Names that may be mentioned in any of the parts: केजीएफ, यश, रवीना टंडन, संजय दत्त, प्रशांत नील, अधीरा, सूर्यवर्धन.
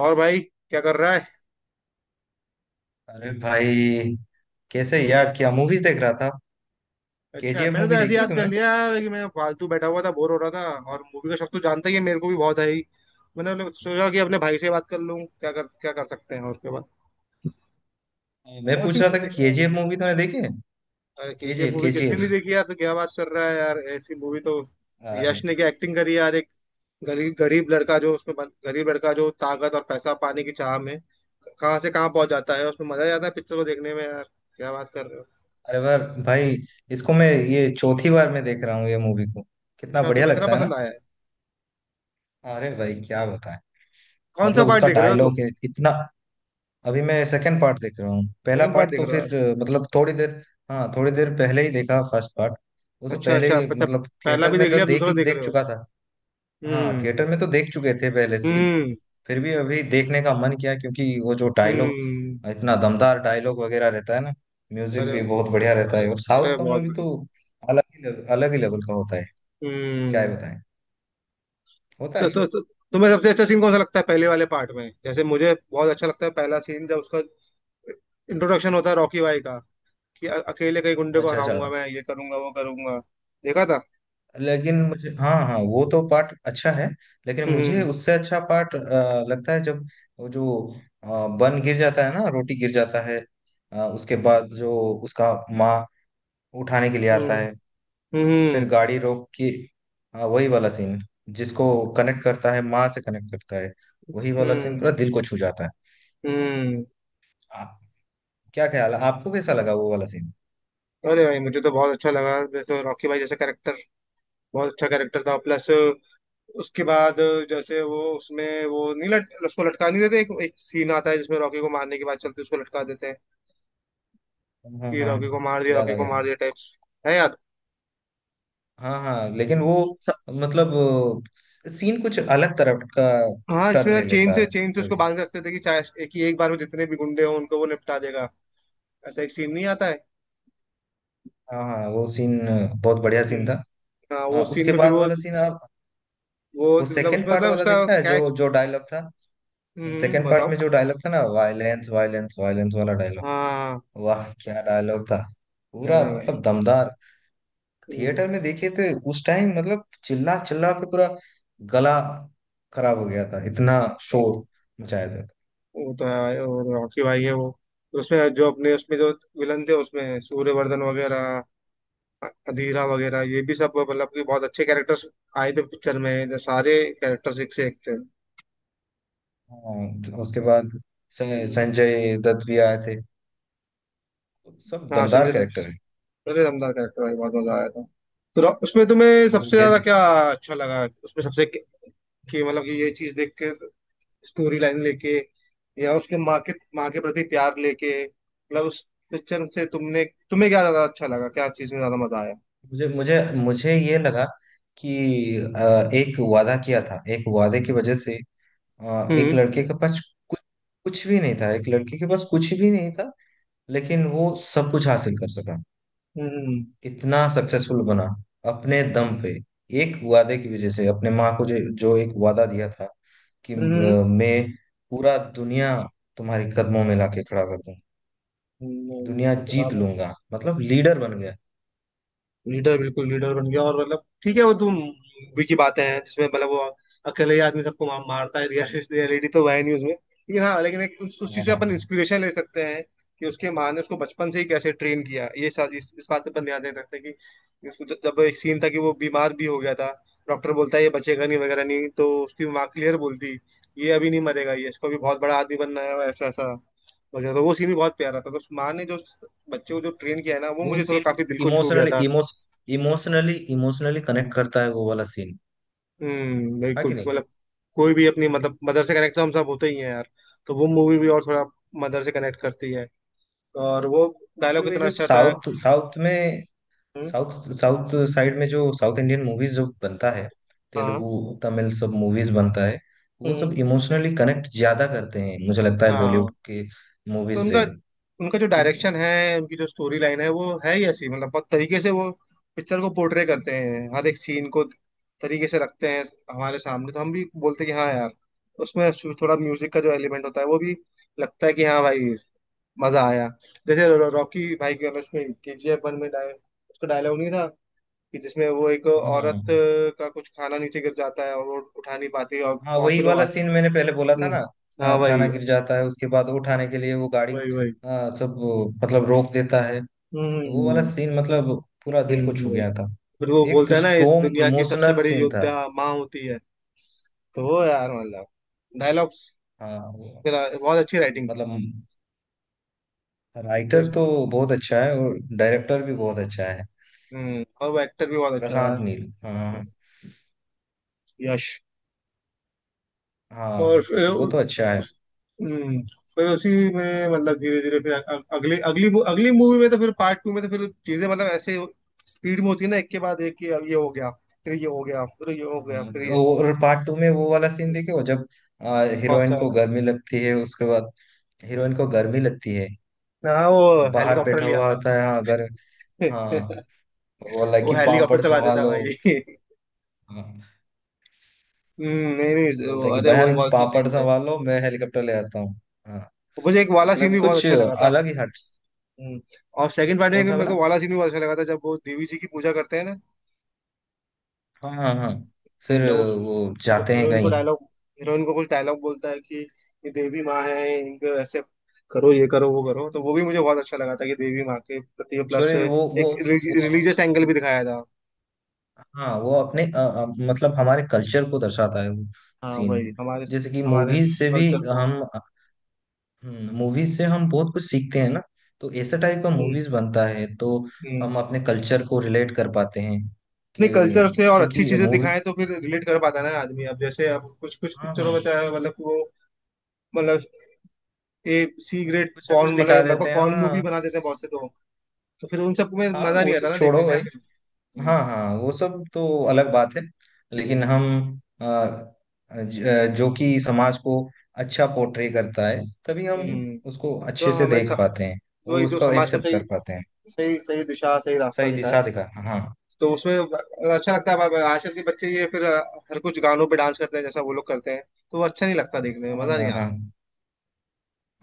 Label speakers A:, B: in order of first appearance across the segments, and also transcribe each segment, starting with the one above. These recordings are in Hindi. A: और भाई क्या कर रहा है?
B: अरे भाई। कैसे याद किया? मूवीज देख रहा था।
A: अच्छा,
B: केजीएफ
A: मैंने तो
B: मूवी
A: ऐसे ही
B: देखी है
A: याद कर
B: तुमने?
A: लिया यार कि मैं फालतू बैठा हुआ था, बोर हो रहा था। और मूवी का शौक तो जानता ही है, मेरे को भी बहुत है ही। मैंने सोचा कि अपने भाई से बात कर लूं, क्या कर सकते हैं और उसके बाद।
B: मैं
A: कौन सी
B: पूछ रहा
A: मूवी
B: था कि
A: देख रहा है?
B: केजीएफ मूवी तुमने देखी है।
A: अरे केजीएफ
B: केजीएफ
A: मूवी किसने
B: केजीएफ।
A: नहीं देखी यार, तो क्या बात कर रहा है यार, ऐसी मूवी तो।
B: अरे।
A: यश ने क्या एक्टिंग करी यार! एक गरीब गरीब लड़का गरीब लड़का, जो ताकत और पैसा पाने की चाह में कहाँ से कहाँ पहुंच जाता है, उसमें मजा आ जाता है पिक्चर को देखने में यार। क्या बात कर रहे हो?
B: अरे बार भाई, इसको मैं ये चौथी बार मैं देख रहा हूँ ये मूवी को। कितना
A: अच्छा,
B: बढ़िया
A: तुम्हें इतना
B: लगता है ना।
A: पसंद आया है?
B: अरे भाई, क्या बताएं।
A: कौन सा
B: मतलब
A: पार्ट
B: उसका
A: देख रहे हो तुम?
B: डायलॉग है इतना। अभी मैं सेकंड पार्ट देख रहा हूँ, पहला
A: सेकंड पार्ट
B: पार्ट
A: देख
B: तो
A: रहे हो?
B: फिर मतलब थोड़ी देर। हाँ, थोड़ी देर पहले ही देखा फर्स्ट पार्ट। वो तो
A: अच्छा,
B: पहले
A: अच्छा,
B: ही,
A: अच्छा।
B: मतलब
A: पहला
B: थिएटर
A: भी
B: में
A: देख
B: तो
A: लिया, अब
B: देख
A: दूसरा देख
B: देख
A: रहे हो?
B: चुका था। हाँ,
A: हम्म।
B: थिएटर में तो देख चुके थे पहले से ही।
A: हम्म।
B: फिर भी अभी देखने का मन किया क्योंकि वो जो डायलॉग,
A: हम्म।
B: इतना दमदार डायलॉग वगैरह रहता है ना। म्यूजिक
A: अरे,
B: भी बहुत बढ़िया रहता
A: अरे,
B: है और
A: अरे,
B: साउथ का
A: बहुत
B: मूवी
A: बढ़िया।
B: तो अलग ही लेवल का होता है। क्या
A: हम्म।
B: ही बताएं। होता
A: तो,
B: है ना।
A: तो, तो तुम्हें सबसे अच्छा सीन कौन सा लगता है पहले वाले पार्ट में? जैसे मुझे बहुत अच्छा लगता है पहला सीन, जब उसका इंट्रोडक्शन होता है रॉकी भाई का। कि अकेले कई गुंडे को
B: अच्छा अच्छा।
A: हराऊंगा, मैं ये करूंगा वो करूंगा। देखा था?
B: लेकिन मुझे, हाँ हाँ, वो तो पार्ट अच्छा है। लेकिन मुझे
A: हम्म।
B: उससे अच्छा पार्ट लगता है जब वो जो बन गिर जाता है ना, रोटी गिर जाता है। उसके बाद जो उसका माँ उठाने के लिए आता
A: हम्म।
B: है, फिर
A: हम्म।
B: गाड़ी रोक के। हाँ, वही वाला सीन, जिसको कनेक्ट करता है, माँ से कनेक्ट करता है। वही वाला सीन पूरा
A: हम्म।
B: दिल को छू जाता है।
A: हम्म।
B: आप, क्या ख्याल है, आपको कैसा लगा वो वाला सीन?
A: अरे भाई, मुझे तो बहुत अच्छा लगा, जैसे रॉकी भाई जैसा कैरेक्टर बहुत अच्छा कैरेक्टर था, प्लस उसके बाद जैसे वो उसमें वो नहीं लट, उसको लटका नहीं देते, एक सीन आता है जिसमें रॉकी को मारने के बाद चलते उसको लटका देते हैं,
B: हाँ
A: कि
B: हाँ,
A: रॉकी को मार दिया,
B: याद
A: रॉकी
B: आ
A: को
B: गया।
A: मार दिया टाइप्स। है याद?
B: हाँ हाँ, लेकिन वो
A: स-
B: मतलब सीन कुछ अलग तरह का
A: हाँ,
B: टर्न
A: इसमें
B: ले
A: चेन
B: लेता
A: से
B: है
A: चेन से उसको
B: तभी।
A: बांध के रखते थे कि चाहे एक ही एक बार में जितने भी गुंडे हों, उनको वो निपटा देगा। ऐसा एक सीन नहीं आता है?
B: हाँ हाँ, वो सीन बहुत बढ़िया सीन
A: हम्म।
B: था।
A: हाँ, वो
B: हाँ,
A: सीन
B: उसके
A: में फिर
B: बाद
A: वो
B: वाला सीन आप
A: वो
B: वो
A: मतलब
B: सेकंड
A: उसमें
B: पार्ट
A: मतलब
B: वाला
A: उसका
B: देखा है, जो
A: कैच।
B: जो डायलॉग था,
A: हम्म,
B: सेकंड पार्ट
A: बताओ।
B: में जो डायलॉग था ना, वायलेंस वायलेंस वायलेंस वाला डायलॉग।
A: हाँ।
B: वाह, क्या डायलॉग था। पूरा
A: अरे भाई।
B: मतलब दमदार।
A: हम्म,
B: थिएटर में देखे थे उस टाइम, मतलब चिल्ला चिल्ला के पूरा गला खराब हो गया था, इतना शोर मचाया था।
A: वो तो है भाई, वो रॉकी भाई है वो। उसमें जो अपने, उसमें जो विलन थे उसमें सूर्यवर्धन वगैरह, अधीरा वगैरह, ये भी सब मतलब कि बहुत अच्छे कैरेक्टर्स आए थे पिक्चर में। सारे कैरेक्टर्स एक से एक थे।
B: हाँ, उसके बाद स-
A: हम्म।
B: संजय दत्त भी आए थे। सब
A: हाँ, संजय
B: दमदार कैरेक्टर है।
A: दत्त। अरे दमदार कैरेक्टर भाई, बहुत मजा आया था। तो उसमें तुम्हें
B: मतलब
A: सबसे ज्यादा
B: जैसे
A: क्या अच्छा लगा उसमें सबसे, कि मतलब कि ये चीज देख के, स्टोरी लाइन लेके या उसके माँ के प्रति प्यार लेके, मतलब उस पिक्चर से तुमने तुम्हें क्या ज्यादा अच्छा लगा, क्या चीज में ज्यादा मजा आया?
B: मुझे मुझे मुझे ये लगा कि एक वादा किया था, एक वादे की वजह से एक
A: हम्म।
B: लड़के के पास कुछ, कुछ भी नहीं था, एक लड़के के पास कुछ भी नहीं था, लेकिन वो सब कुछ हासिल कर सका।
A: हम्म।
B: इतना सक्सेसफुल बना अपने दम पे, एक वादे की वजह से, अपने माँ को जो जो एक वादा दिया था कि
A: हम्म।
B: मैं पूरा दुनिया तुम्हारे कदमों में लाके खड़ा कर दूं, दुनिया
A: वो तो था।
B: जीत लूंगा, मतलब लीडर बन गया।
A: लीडर बिल्कुल लीडर बन गया, और मतलब ठीक है, वो तो मूवी की बातें हैं जिसमें मतलब वो अकेले ही आदमी सबको मारता है, रियलिटी तो है नहीं उसमें। लेकिन हाँ, लेकिन एक उस चीज
B: हाँ
A: से
B: हाँ
A: अपन
B: हाँ,
A: इंस्पिरेशन ले सकते हैं कि उसके माँ ने उसको बचपन से ही कैसे ट्रेन किया, ये इस बात पे अपन ध्यान दे सकते हैं कि उसको जब एक सीन था कि वो बीमार भी हो गया था। डॉक्टर बोलता है ये बचेगा नहीं वगैरह नहीं, तो उसकी माँ क्लियर बोलती, ये अभी नहीं मरेगा, ये इसको अभी बहुत बड़ा आदमी बनना है, ऐसा ऐसा वगैरह। तो वो सीन भी बहुत प्यारा था, तो उस माँ ने जो उस बच्चे को जो ट्रेन किया है ना, वो
B: वो
A: मुझे थोड़ा
B: सीन
A: काफी दिल को छू गया
B: इमोशनली
A: था।
B: इमोश इमोशनली इमोशनली कनेक्ट करता है वो वाला सीन।
A: हम्म,
B: हाँ
A: बिल्कुल
B: कि नहीं?
A: मतलब। कोई भी अपनी मतलब मदर से कनेक्ट तो हम सब होते ही हैं यार। तो वो मूवी भी और थोड़ा मदर से कनेक्ट करती है, और वो डायलॉग
B: मतलब ये
A: इतना
B: जो
A: अच्छा था।
B: साउथ साउथ में
A: हम्म,
B: साउथ साउथ साइड में जो साउथ इंडियन मूवीज जो बनता है,
A: हाँ।
B: तेलुगु, तमिल सब मूवीज बनता है, वो
A: हम्म,
B: सब इमोशनली कनेक्ट ज्यादा करते हैं, मुझे लगता है बॉलीवुड
A: हाँ।
B: के
A: तो
B: मूवीज
A: उनका
B: से।
A: उनका जो
B: इस
A: डायरेक्शन है, उनकी जो स्टोरी लाइन है, वो है ही ऐसी, मतलब बहुत तरीके से वो पिक्चर को पोर्ट्रे करते हैं, हर एक सीन को तरीके से रखते हैं हमारे सामने, तो हम भी बोलते हैं कि हाँ यार। उसमें थोड़ा म्यूजिक का जो एलिमेंट होता है वो भी, लगता है कि हाँ भाई, मजा आया। जैसे रॉकी भाई की उसमें केजीएफ 1 में उसका डायलॉग नहीं था कि जिसमें वो एक
B: हाँ
A: औरत
B: हाँ
A: का कुछ खाना नीचे गिर जाता है और वो उठा नहीं पाती है और
B: हाँ,
A: बहुत
B: वही
A: से लोग
B: वाला सीन
A: आते?
B: मैंने पहले बोला था ना।
A: हम्म, हाँ
B: हाँ, खाना
A: वही।
B: गिर जाता है उसके बाद उठाने के
A: हम्म,
B: लिए वो गाड़ी,
A: वही, वही।
B: सब मतलब रोक देता है।
A: हम्म।
B: वो वाला सीन मतलब पूरा दिल को छू
A: वही।
B: गया था।
A: फिर वो
B: एक
A: बोलता है ना, इस
B: स्ट्रोंग
A: दुनिया की सबसे
B: इमोशनल
A: बड़ी
B: सीन था।
A: योद्धा माँ होती है। तो वो यार मतलब डायलॉग्स,
B: हाँ वो
A: बहुत अच्छी राइटिंग थी,
B: मतलब, राइटर
A: फिर।
B: तो बहुत अच्छा है और डायरेक्टर भी बहुत अच्छा है।
A: हम्म, और वो एक्टर भी बहुत अच्छा था यार।
B: प्रशांत नील, हाँ।
A: यश। और
B: हाँ,
A: फिर
B: वो तो अच्छा है।
A: उस। हम्म, फिर उसी में, मतलब धीरे धीरे, फिर अगली अगली मू- अगली मूवी में तो, फिर पार्ट 2 में तो फिर चीजें मतलब ऐसे स्पीड में होती है ना, एक के बाद एक, कि अब ये हो गया, फिर ये हो गया, फिर ये हो गया, फिर
B: हाँ,
A: ये।
B: और पार्ट टू में वो वाला सीन
A: हम्म,
B: देखे वो जब
A: कौन सा
B: हीरोइन को
A: वाला?
B: गर्मी लगती है उसके बाद, हीरोइन को गर्मी लगती है,
A: हाँ, वो
B: वो बाहर
A: हेलीकॉप्टर
B: बैठा
A: ले
B: हुआ
A: आता
B: होता है, हाँ, घर।
A: है
B: हाँ, वो बोला
A: वो
B: कि
A: हेलीकॉप्टर
B: पापड़
A: चला देता है
B: संभालो।
A: भाई
B: हाँ,
A: हम्म, नहीं, नहीं,
B: बोलता है कि
A: अरे वही
B: बहन
A: बहुत अच्छे
B: पापड़
A: सीन थे।
B: संभालो, मैं हेलीकॉप्टर ले आता हूँ। हाँ,
A: मुझे एक वाला सीन
B: मतलब
A: भी बहुत
B: कुछ
A: अच्छा लगा था।
B: अलग ही हट।
A: हम्म, और सेकंड पार्ट
B: कौन
A: में
B: सा
A: मेरे
B: बोला?
A: को वाला सीन भी बहुत अच्छा लगा था, जब वो देवी जी की पूजा करते हैं ना।
B: हाँ हाँ हाँ, फिर
A: जब उस
B: वो जाते हैं
A: हीरोइन को
B: कहीं।
A: डायलॉग, हीरोइन को कुछ डायलॉग बोलता है कि ये देवी माँ है, इनको ऐसे करो, ये करो वो करो, तो वो भी मुझे बहुत अच्छा लगा था, कि देवी माँ के प्रति प्लस
B: एक्चुअली
A: एक रिलीजियस एंगल
B: वो
A: भी दिखाया था।
B: हाँ, वो अपने मतलब हमारे कल्चर को दर्शाता है वो
A: हाँ
B: सीन,
A: वही हमारे
B: जैसे कि
A: हमारे
B: मूवीज से भी
A: कल्चर को।
B: हम, मूवीज से हम बहुत कुछ सीखते हैं ना, तो ऐसे टाइप का
A: हम्म।
B: मूवीज बनता है तो
A: हम्म।
B: हम अपने कल्चर को रिलेट कर पाते हैं कि,
A: नहीं, कल्चर से और अच्छी
B: क्योंकि
A: चीजें
B: मूवी,
A: दिखाएं तो फिर रिलेट कर पाता है ना आदमी। अब जैसे अब कुछ कुछ
B: हाँ हाँ,
A: पिक्चरों में तो है, मतलब कि वो मतलब ए सी ग्रेड
B: कुछ ना कुछ
A: पॉर्न,
B: दिखा
A: मतलब लगभग
B: देते हैं,
A: पॉर्न
B: हाँ
A: मूवी
B: हाँ।
A: बना देते हैं बहुत से, तो फिर उन सब में
B: हाँ,
A: मजा
B: वो
A: नहीं आता
B: सब
A: ना
B: छोड़ो
A: देखने में
B: भाई।
A: यार।
B: हाँ हाँ, वो सब तो अलग बात है। लेकिन
A: हम्म।
B: हम अ, जो कि समाज को अच्छा पोर्ट्रे करता है तभी हम
A: हम्म।
B: उसको
A: तो
B: अच्छे से
A: हमारे
B: देख पाते हैं और
A: वही जो
B: उसको
A: समाज को
B: एक्सेप्ट
A: सही,
B: कर पाते हैं।
A: सही सही दिशा, सही रास्ता
B: सही
A: दिखाए,
B: दिशा दिखा, हाँ।
A: तो उसमें अच्छा लगता है। अब आजकल के बच्चे ये फिर हर कुछ गानों पे डांस करते हैं जैसा वो लोग करते हैं, तो वो अच्छा नहीं लगता, देखने में मजा नहीं
B: हाँ हाँ।
A: आता।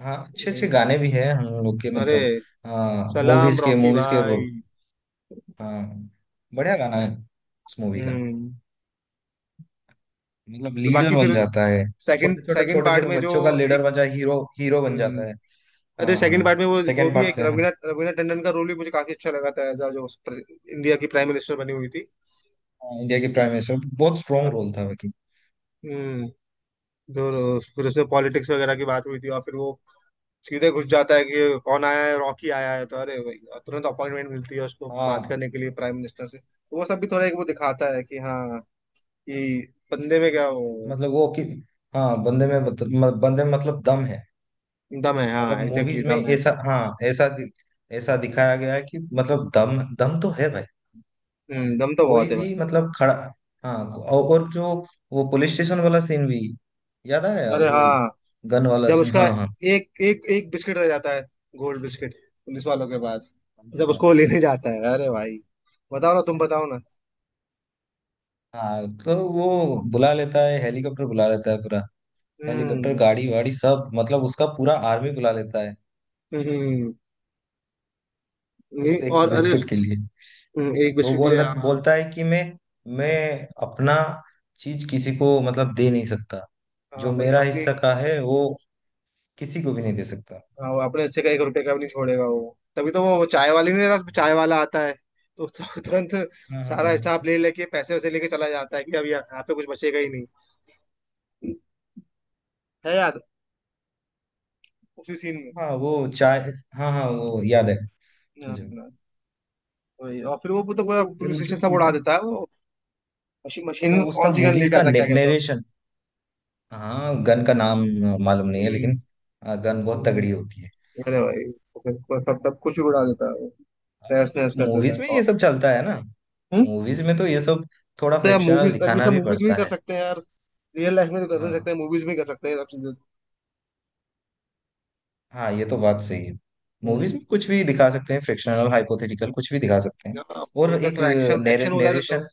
B: हाँ, अच्छे अच्छे
A: नहीं।
B: गाने भी हैं हम लोग के,
A: अरे,
B: मतलब
A: सलाम
B: मूवीज के
A: रॉकी
B: मूवीज के वो,
A: भाई।
B: हाँ, बढ़िया गाना है उस मूवी का।
A: हम्म।
B: मतलब
A: तो
B: लीडर
A: बाकी
B: बन
A: फिर
B: जाता है।
A: सेकंड
B: छोटे छोटे
A: सेकंड
B: छोटे
A: पार्ट
B: छोटे
A: में जो
B: बच्चों का लीडर
A: एक।
B: बन जाए, हीरो हीरो बन
A: हम्म,
B: जाता है।
A: अरे
B: हाँ
A: सेकंड
B: हाँ,
A: पार्ट में वो
B: सेकेंड
A: भी
B: पार्ट
A: एक
B: पे। हाँ।
A: रवीना रवीना टंडन का रोल भी मुझे काफी अच्छा लगा था, एज जो इंडिया की प्राइम मिनिस्टर बनी हुई थी।
B: हाँ, इंडिया की प्राइम मिनिस्टर, बहुत स्ट्रांग रोल था बाकी।
A: हम्म। जो फिर उसमें पॉलिटिक्स वगैरह की बात हुई थी, और फिर वो सीधे घुस जाता है कि कौन आया है, रॉकी आया है, तो अरे भाई तुरंत अपॉइंटमेंट मिलती है उसको बात
B: हाँ
A: करने के लिए प्राइम मिनिस्टर से, तो वो सब भी थोड़ा एक वो दिखाता है कि हाँ, कि बंदे में क्या वो
B: मतलब वो कि, हाँ, बंदे में मतलब दम है।
A: दम है,
B: मतलब
A: हाँ एग्जैक्टली
B: मूवीज में
A: दम है।
B: ऐसा, हाँ, ऐसा ऐसा दिखाया गया है कि मतलब दम दम तो है भाई।
A: दम तो
B: कोई
A: बहुत है
B: भी
A: भाई।
B: मतलब खड़ा, हाँ, और जो वो पुलिस स्टेशन वाला सीन भी याद आया,
A: अरे
B: जो
A: हाँ,
B: गन वाला
A: जब
B: सीन,
A: उसका
B: हाँ हाँ।
A: एक एक एक बिस्किट रह जाता है, गोल्ड बिस्किट पुलिस वालों के पास, जब
B: हाँ
A: उसको वो लेने जाता है, अरे भाई, बताओ ना, तुम बताओ ना।
B: हाँ, तो वो बुला लेता है, हेलीकॉप्टर बुला लेता है पूरा, हेलीकॉप्टर
A: हम्म।
B: गाड़ी वाड़ी सब मतलब, उसका पूरा आर्मी बुला लेता है
A: हम्म। नहीं,
B: उस
A: और
B: एक
A: अरे
B: बिस्किट के लिए।
A: एक
B: को
A: बिस्किट ले
B: बोल
A: आ।
B: बोलता है कि मैं अपना चीज किसी को मतलब दे नहीं सकता,
A: हाँ
B: जो
A: भाई
B: मेरा
A: अपने,
B: हिस्सा का है वो किसी को भी नहीं दे सकता।
A: हाँ, अपने से का एक रुपए का भी नहीं छोड़ेगा वो, तभी तो वो चाय वाले नहीं रहता, चाय वाला आता है तो, तो तुरंत
B: हाँ हाँ
A: सारा
B: हाँ,
A: हिसाब ले लेके, पैसे वैसे लेके चला जाता है कि अब यहाँ यहाँ पे कुछ बचेगा ही नहीं। है याद? उसी सीन में।
B: हाँ वो चाय, हाँ हाँ, वो याद है
A: हाँ,
B: मुझे।
A: हाँ, वही। और फिर वो तो
B: तो
A: पूरा
B: ये
A: पुलिस स्टेशन सब
B: मतलब
A: उड़ा
B: ऐसा,
A: देता है वो। मशीन,
B: तो
A: मशीन कौन
B: उसका
A: सी गन
B: मूवीज
A: लेके
B: का
A: आता है, क्या कहते हो?
B: नरेशन, हाँ, गन का नाम मालूम नहीं है,
A: हम्म।
B: लेकिन गन बहुत
A: हम्म।
B: तगड़ी होती है।
A: अरे भाई, तो फिर वो सब सब कुछ ही उड़ा देता है वो, तहस
B: मूवीज
A: नहस कर देता
B: मूवीज
A: है
B: में ये
A: और।
B: सब चलता है ना,
A: हम्म।
B: मूवीज में तो ये सब थोड़ा
A: तो यार
B: फ्रिक्शनल
A: मूवीज, अब ये
B: दिखाना
A: सब
B: भी
A: मूवीज भी
B: पड़ता
A: कर
B: है।
A: सकते हैं यार, रियल लाइफ में तो कर नहीं सकते
B: हाँ
A: हैं, मूवीज में कर सकते हैं ये सब चीजें।
B: हाँ, ये तो बात सही है।
A: हम्म।
B: मूवीज में कुछ भी दिखा सकते हैं, फ्रिक्शनल हाइपोथेटिकल कुछ भी दिखा सकते हैं।
A: हाँ
B: और
A: वही, तो
B: एक
A: फिर एक्शन एक्शन हो जाता तो।
B: नरेशन,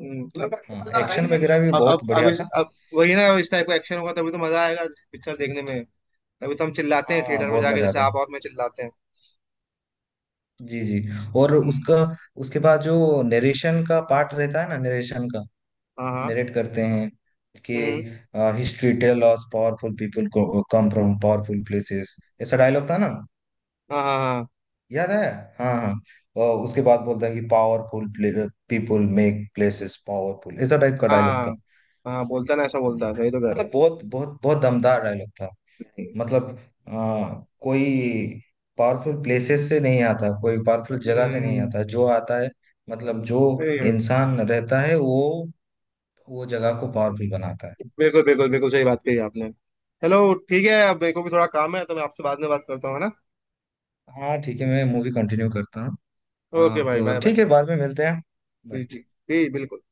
A: अब।
B: हाँ, एक्शन वगैरह भी
A: हाँ, अब अब
B: बहुत
A: अब
B: बढ़िया
A: इस
B: था।
A: अब वही ना, इस टाइप का एक्शन होगा तभी तो मजा आएगा पिक्चर देखने में, तभी तो हम चिल्लाते हैं
B: हाँ,
A: थिएटर में
B: बहुत
A: जाके,
B: मजा
A: जैसे
B: आता है।
A: आप और मैं चिल्लाते हैं।
B: जी जी। और उसका, उसके बाद जो नरेशन का पार्ट रहता है ना, नरेशन का
A: हाँ, हाँ।
B: नरेट करते हैं कि,
A: हम्म।
B: History tell us powerful people come from powerful places, ऐसा डायलॉग था ना।
A: हाँ, हाँ, हाँ,
B: याद है? हाँ हाँ, और उसके बाद बोलता है कि powerful people make places powerful, ऐसा टाइप का
A: हाँ।
B: डायलॉग था।
A: हाँ, हाँ, बोलता ना, ऐसा
B: हाँ,
A: बोलता है, सही तो कह रहे हो।
B: मतलब बहुत बहुत बहुत दमदार डायलॉग था। मतलब आ, कोई पावरफुल प्लेसेस से नहीं आता, कोई पावरफुल जगह से नहीं
A: हम्म।
B: आता, जो आता है मतलब जो
A: सही है।
B: इंसान रहता है वो जगह को पावरफुल बनाता है।
A: बिल्कुल, बिल्कुल, बिल्कुल सही बात कही आपने। चलो ठीक है, अब मेरे को भी थोड़ा काम है तो मैं आपसे बाद में बात करता हूँ, है ना?
B: हाँ ठीक है, मैं मूवी कंटिन्यू करता हूँ।
A: ओके भाई, बाय
B: आप
A: बाय।
B: ठीक है, बाद में मिलते हैं।
A: जी, जी।
B: Bye.
A: जी, बिल्कुल।